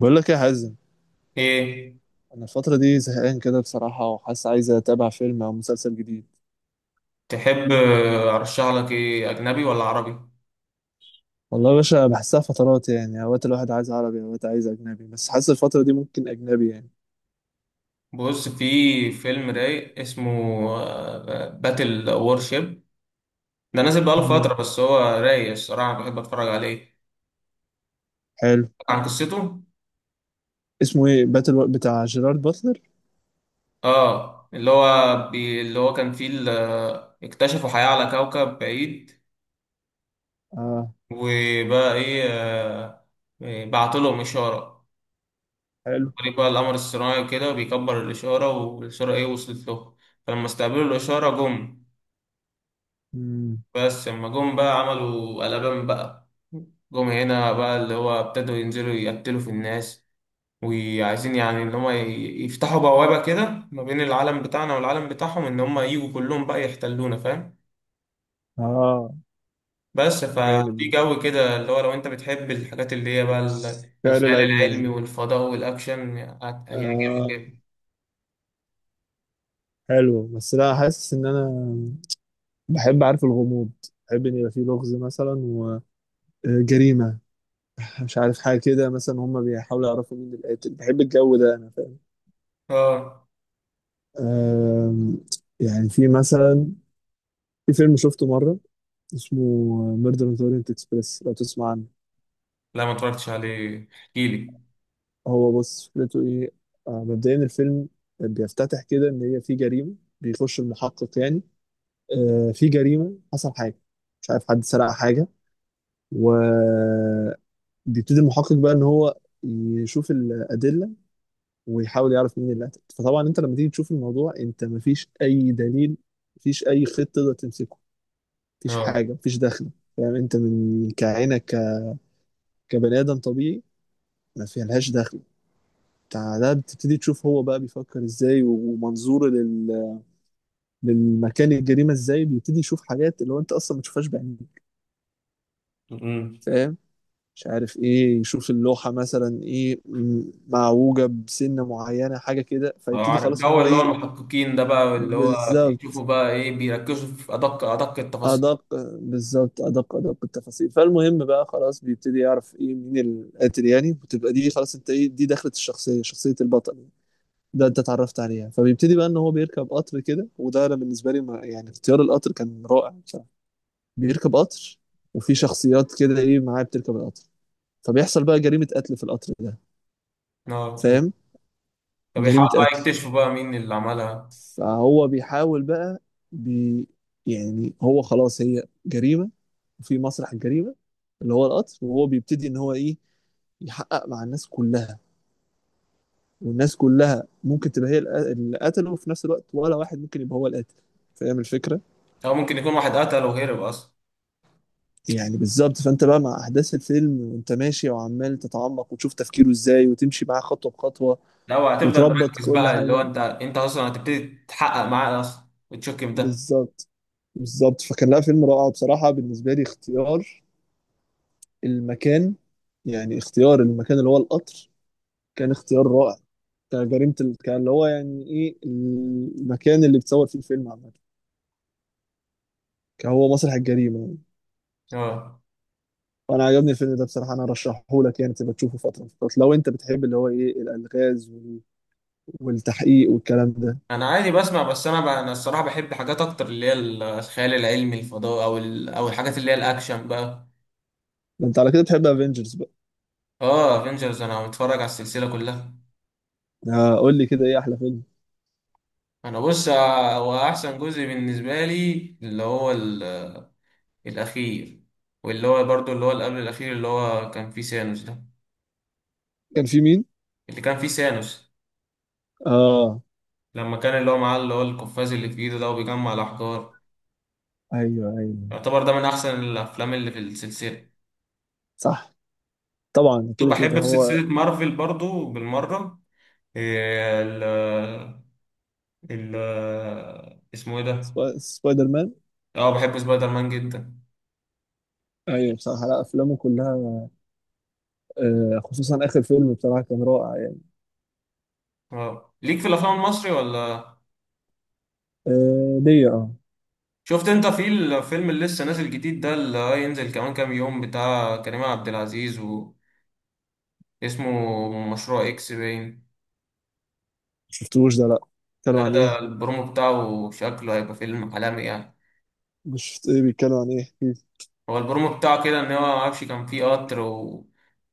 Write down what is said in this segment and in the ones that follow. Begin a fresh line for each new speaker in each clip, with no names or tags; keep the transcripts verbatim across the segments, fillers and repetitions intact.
بقول لك إيه يا حازم؟
ايه.
انا الفتره دي زهقان كده بصراحه، وحاسس عايز اتابع فيلم او مسلسل جديد.
تحب ارشح لك ايه، اجنبي ولا عربي؟
والله يا باشا بحسها فترات، يعني اوقات الواحد عايز عربي، اوقات عايز اجنبي، بس حاسس الفتره دي ممكن اجنبي يعني.
بص، في فيلم رايق اسمه باتل وورشيب. ده نازل بقاله
امم
فترة، بس هو رايق الصراحة. أنا بحب اتفرج عليه
حلو.
عن قصته.
اسمه ايه؟ باتل و... بتاع جيرارد باتلر؟
اه، اللي هو بي اللي هو كان فيه ال- آه، اكتشفوا حياة على كوكب بعيد.
اه
وبقى ايه، آه، إيه، بعت لهم إشارة عن
حلو.
طريق بقى القمر الصناعي، وكده بيكبر الإشارة، والإشارة ايه وصلت له. فلما استقبلوا الإشارة، جم.
امم
بس لما جم بقى عملوا قلبان بقى. جم هنا بقى، اللي هو ابتدوا ينزلوا يقتلوا في الناس، وعايزين يعني ان هم ي- يفتحوا بوابة كده ما بين العالم بتاعنا والعالم بتاعهم، ان هم يجوا كلهم بقى يحتلونا، فاهم؟
اه
بس ففي
جامد.
جو كده اللي هو لو انت بتحب الحاجات اللي هي بقى ال-
خيال
الخيال
العلم يعني.
العلمي والفضاء والاكشن، هت- هيعجبك
آه
جدا.
حلو، بس لا حاسس ان انا بحب، عارف، الغموض. بحب ان يبقى فيه لغز مثلا، وجريمه، مش عارف حاجة كده. مثلا هما بيحاولوا يعرفوا مين القاتل، بحب الجو ده أنا، فاهم.
اه.
أم، يعني في مثلا، في فيلم شفته مرة اسمه ميردر أوف أورينت إكسبريس، لو تسمع عنه.
لا، ما اتفرجتش عليه، احكيلي.
هو بص، فكرته إيه؟ آه، مبدئيا الفيلم بيفتتح كده إن هي في جريمة. بيخش المحقق يعني، آه، في جريمة، حصل حاجة، مش عارف، حد سرق حاجة. وبيبتدي المحقق بقى إن هو يشوف الأدلة ويحاول يعرف مين اللي قتل. فطبعا انت لما تيجي تشوف الموضوع، انت مفيش اي دليل، مفيش اي خيط تقدر تمسكه، مفيش حاجه، مفيش دخله. فاهم، انت من كعينك ك- كبني ادم طبيعي، ما فيهاش دخل بتاع ده. بتبتدي تشوف هو بقى بيفكر ازاي، ومنظوره لل... للمكان الجريمه ازاي، بيبتدي يشوف حاجات اللي هو انت اصلا ما تشوفهاش بعينيك.
اه.
فاهم. مش عارف ايه، يشوف اللوحه مثلا ايه م- معوجه بسنه معينه، حاجه كده،
اه،
فيبتدي
عارف
خلاص ان
الجو
هو
اللي هو
ايه.
المحققين ده بقى اللي هو
بالظبط
يشوفوا بقى ايه، بيركزوا في ادق ادق التفاصيل.
أدق. بالظبط أدق أدق التفاصيل. فالمهم بقى خلاص بيبتدي يعرف إيه مين القاتل يعني، وتبقى دي خلاص أنت إيه دي دخلت الشخصية، شخصية البطل ده أنت اتعرفت عليها. فبيبتدي بقى إن هو بيركب قطر كده، وده أنا بالنسبة لي ما يعني اختيار القطر كان رائع بصراحة. بيركب قطر، وفي شخصيات كده إيه معاه بتركب القطر. فبيحصل بقى جريمة قتل في القطر ده،
اه،
فاهم؟ جريمة
فبيحاولوا بقى
قتل.
يكتشفوا بقى مين اللي عملها،
فهو بيحاول بقى، بي، يعني هو خلاص هي جريمة، وفي مسرح الجريمة اللي هو القطر، وهو بيبتدي ان هو ايه يحقق مع الناس كلها. والناس كلها ممكن تبقى هي الق- اللي قتله، وفي نفس الوقت ولا واحد ممكن يبقى هو القاتل. فاهم الفكرة؟
او ممكن يكون واحد قتل وهرب اصلا.
يعني بالظبط. فانت بقى مع احداث الفيلم وانت ماشي، وعمال تتعمق وتشوف تفكيره ازاي، وتمشي معاه خطوة بخطوة
لو هتفضل
وتربط
مركز
كل
بقى اللي هو
حاجة.
انت انت اصلا هتبتدي تحقق معاه اصلا وتشكم ده.
بالظبط بالظبط. فكان لا فيلم رائع بصراحة. بالنسبة لي اختيار المكان، يعني اختيار المكان اللي هو القطر، كان اختيار رائع كجريمة ال- كان اللي هو يعني ايه المكان اللي بتصور فيه الفيلم عامة كان هو مسرح الجريمة يعني.
اه،
وانا عجبني الفيلم ده بصراحة، انا رشحه لك يعني، تبقى تشوفه فترة من الفترات لو انت بتحب اللي هو ايه الالغاز وال- والتحقيق والكلام ده.
انا عادي بسمع، بس انا بقى انا الصراحه بحب حاجات اكتر اللي هي ال- الخيال العلمي، الفضاء، او ال... او الحاجات اللي هي الاكشن بقى.
ده انت على كده بتحب افنجرز بقى.
اه، افنجرز انا متفرج على السلسله كلها.
آه قول لي كده، ايه احلى فيلم؟
انا بص، آه، هو احسن جزء بالنسبه لي اللي هو ال- الاخير، واللي هو برضو اللي هو اللي قبل الاخير، اللي هو كان فيه سانوس ده.
كان في مين؟
اللي كان فيه سانوس،
اه.
لما كان اللي هو معاه اللي هو القفاز اللي في ايده ده، وبيجمع الاحجار.
ايوه ايوه.
يعتبر ده من احسن الافلام اللي في السلسله.
صح، طبعا
كنت
كده
بحب
كده
في
هو.
سلسله مارفل برضو بالمره. إيه ال ال اسمه ايه ده؟
سبا- سبايدر مان.
اه، بحب سبايدر مان جدا.
ايوه بصراحة، لا افلامه كلها، آه خصوصا اخر فيلم بصراحه كان رائع يعني.
اه، ليك في الافلام المصري ولا؟
آه ليا اه.
شفت انت في الفيلم اللي لسه نازل جديد ده، اللي هينزل كمان كام يوم، بتاع كريم عبد العزيز، واسمه مشروع اكس باين؟
شفتوش ده؟ لا.
لا،
بيتكلوا عن
ده
ايه؟
البرومو بتاعه شكله هيبقى فيلم عالمي يعني.
مش شفت، ايه بيتكلوا عن ايه؟ احكيلي.
هو البرومو بتاعه كده، ان هو معرفش كان فيه قطر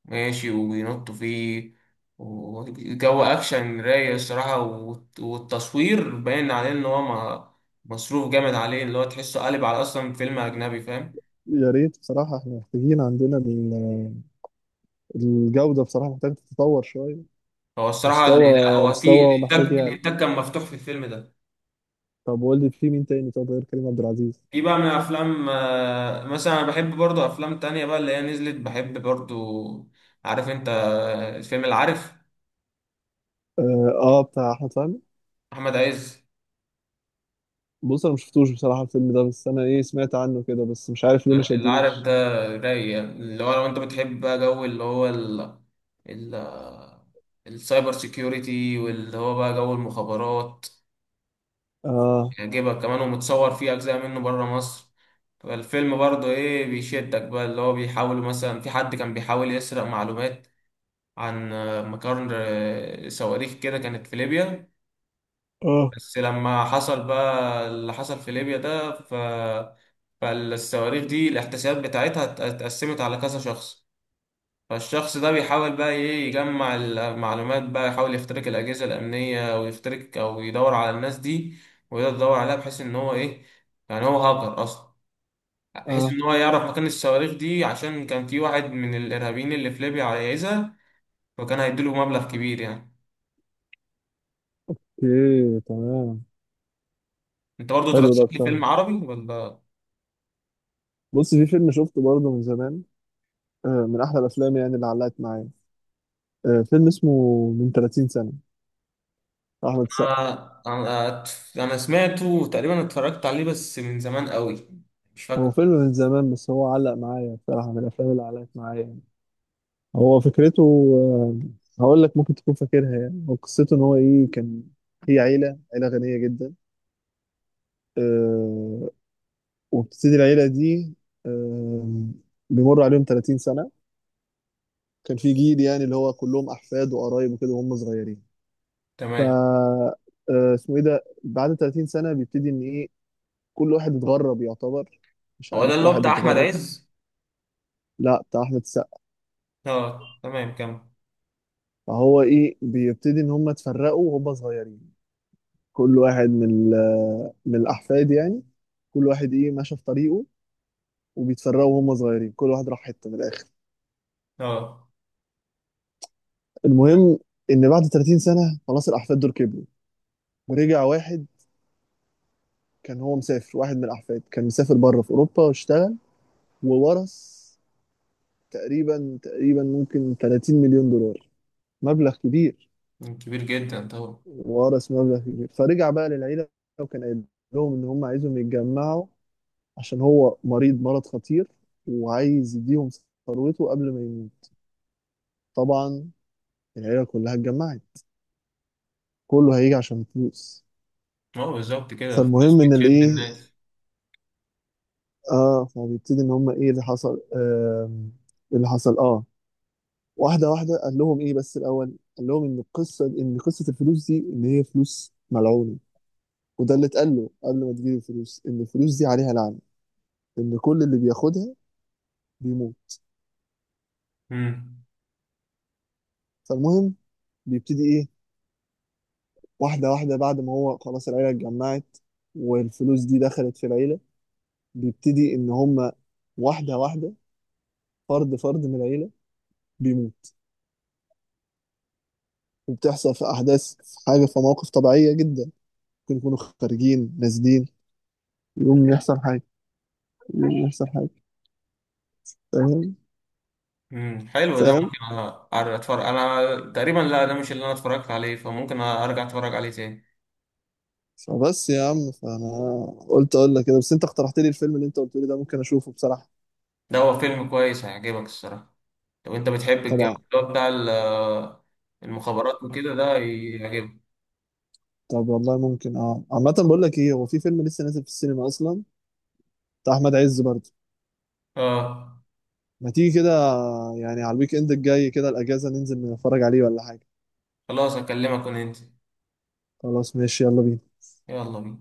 وماشي وبينطوا فيه، وجو اكشن رايق الصراحة، والت- والتصوير باين عليه ان هو ما- مصروف جامد عليه، اللي هو تحسه قالب على اصلا فيلم اجنبي، فاهم؟
يا ريت بصراحه، احنا محتاجين عندنا ال- الجوده بصراحه محتاجه تتطور شويه.
هو الصراحة اللي لا،
مستوى،
هو في
مستوى محتاج
الانتاج
يعلى.
الانتاج كان مفتوح في الفيلم ده.
طب قول لي في مين تاني، طب غير كريم عبد العزيز.
في بقى من افلام، آه، مثلا انا بحب برضو افلام تانية بقى اللي هي نزلت، بحب برضو. عارف انت آه، فيلم العارف؟
اه، آه بتاع احمد فهمي.
احمد عز.
بص انا مشفتوش بصراحه الفيلم ده، بس انا ايه سمعت عنه كده، بس مش عارف ليه ما
العارف
شدنيش.
ده رايق، اللي هو لو انت بتحب بقى جو اللي هو ال ال السايبر سيكيورتي، واللي هو بقى جو المخابرات،
اه.
يعجبك كمان. ومتصور فيه اجزاء منه بره مصر. فالفيلم برضو ايه بيشدك بقى، اللي هو بيحاول مثلا، في حد كان بيحاول يسرق معلومات عن مقر صواريخ كده كانت في ليبيا.
اه.
بس لما حصل بقى اللي حصل في ليبيا ده، ف... فالصواريخ دي الاحتسابات بتاعتها ات- اتقسمت على كذا شخص. فالشخص ده بيحاول بقى ايه يجمع المعلومات بقى، يحاول يخترق الأجهزة الأمنية ويخترق، أو يدور على الناس دي، ويقدر يدور عليها بحيث إن هو ايه، يعني هو هاكر أصلا، بحيث
اه.
إن هو يعرف مكان الصواريخ دي، عشان كان في واحد من الإرهابيين اللي في ليبيا عايزها، وكان هيديله مبلغ كبير يعني.
اوكي تمام.
انت برضو
حلو
ترشح
ده
لي
بصراحه.
فيلم عربي ولا؟
بص في فيلم شفته برضه من زمان، آه، من احلى الافلام يعني اللي علقت معايا. آه، فيلم اسمه من تلاتين سنه، بتاع احمد السقا.
انا انا أنا سمعته تقريبا، اتفرجت عليه بس من زمان قوي، مش
هو
فاكر.
فيلم من زمان، بس هو علق معايا بصراحه، من الافلام اللي علقت معايا يعني. هو فكرته، آه، هقول لك ممكن تكون فاكرها. يعني هو قصته ان هو ايه، كان هي عيله، عيله غنيه جدا، آه، وبتبتدي العيله دي، آه، بيمر عليهم تلاتين سنه. كان في جيل يعني اللي هو كلهم احفاد وقرايب وكده، وهم صغيرين. ف
تمام.
آه، اسمه ايه ده، بعد تلاتين سنه بيبتدي ان ايه كل واحد اتغرب يعتبر، مش
هو ده
عارف،
اللي هو
واحد
بتاع احمد
اتغرب.
عز؟
لا بتاع احمد السقا.
اه، تمام، كم.
فهو ايه بيبتدي ان هم اتفرقوا وهم صغيرين، كل واحد من ال- من الاحفاد يعني، كل واحد ايه ماشي في طريقه. وبيتفرقوا وهم صغيرين، كل واحد راح حته من الاخر.
اه،
المهم ان بعد تلاتين سنه خلاص الاحفاد دول كبروا. ورجع واحد، كان هو مسافر، واحد من الاحفاد كان مسافر بره في اوروبا واشتغل، وورث تقريبا تقريبا ممكن تلاتين مليون دولار، مبلغ كبير.
كبير جدا طبعا.
وورث مبلغ كبير، فرجع بقى للعيلة، وكان قايل لهم إن هم عايزهم يتجمعوا عشان هو مريض مرض خطير، وعايز يديهم ثروته قبل ما يموت. طبعا العيلة كلها اتجمعت، كله هيجي عشان فلوس.
اه، بالظبط، كده الفلوس
فالمهم إن
بتشد
الإيه،
الناس.
آه فبيبتدي إن هم إيه اللي حصل آه، اللي حصل آه، واحدة واحدة قال لهم إيه، بس الأول قال لهم إن القصة إن قصة الفلوس دي إن هي فلوس ملعونة. وده اللي اتقال له قبل ما تجيب الفلوس، إن الفلوس دي عليها لعنة، إن كل اللي بياخدها بيموت.
امم.
فالمهم بيبتدي ايه، واحدة واحدة بعد ما هو خلاص العيلة اتجمعت والفلوس دي دخلت في العيلة، بيبتدي ان هما واحدة واحدة، فرد فرد من العيلة بيموت. وبتحصل في احداث، في حاجة، في مواقف طبيعية جدا، ممكن يكونوا خارجين نازلين يقوم يحصل حاجة، يقوم يحصل حاجة، فاهم.
امم حلو، ده
فاهم.
ممكن أ- اتفرج. انا تقريبا لا، ده مش اللي انا اتفرجت عليه، فممكن ارجع اتفرج عليه تاني.
فبس يا عم، فانا قلت اقول لك كده، بس انت اقترحت لي الفيلم اللي انت قلت لي ده ممكن اشوفه بصراحة.
ده هو فيلم كويس هيعجبك الصراحة. لو انت بتحب الجو
طبعا.
اللي هو بتاع ال- المخابرات وكده، ده هيعجبك.
طب والله ممكن، اه عامة بقول لك ايه، هو في فيلم لسه نازل في السينما اصلا بتاع احمد عز برضه.
اه،
ما تيجي كده، يعني على الويك اند الجاي كده الاجازه ننزل نتفرج عليه ولا حاجه.
خلاص اكلمك وننزل.
خلاص ماشي يلا بينا.
يلا بينا.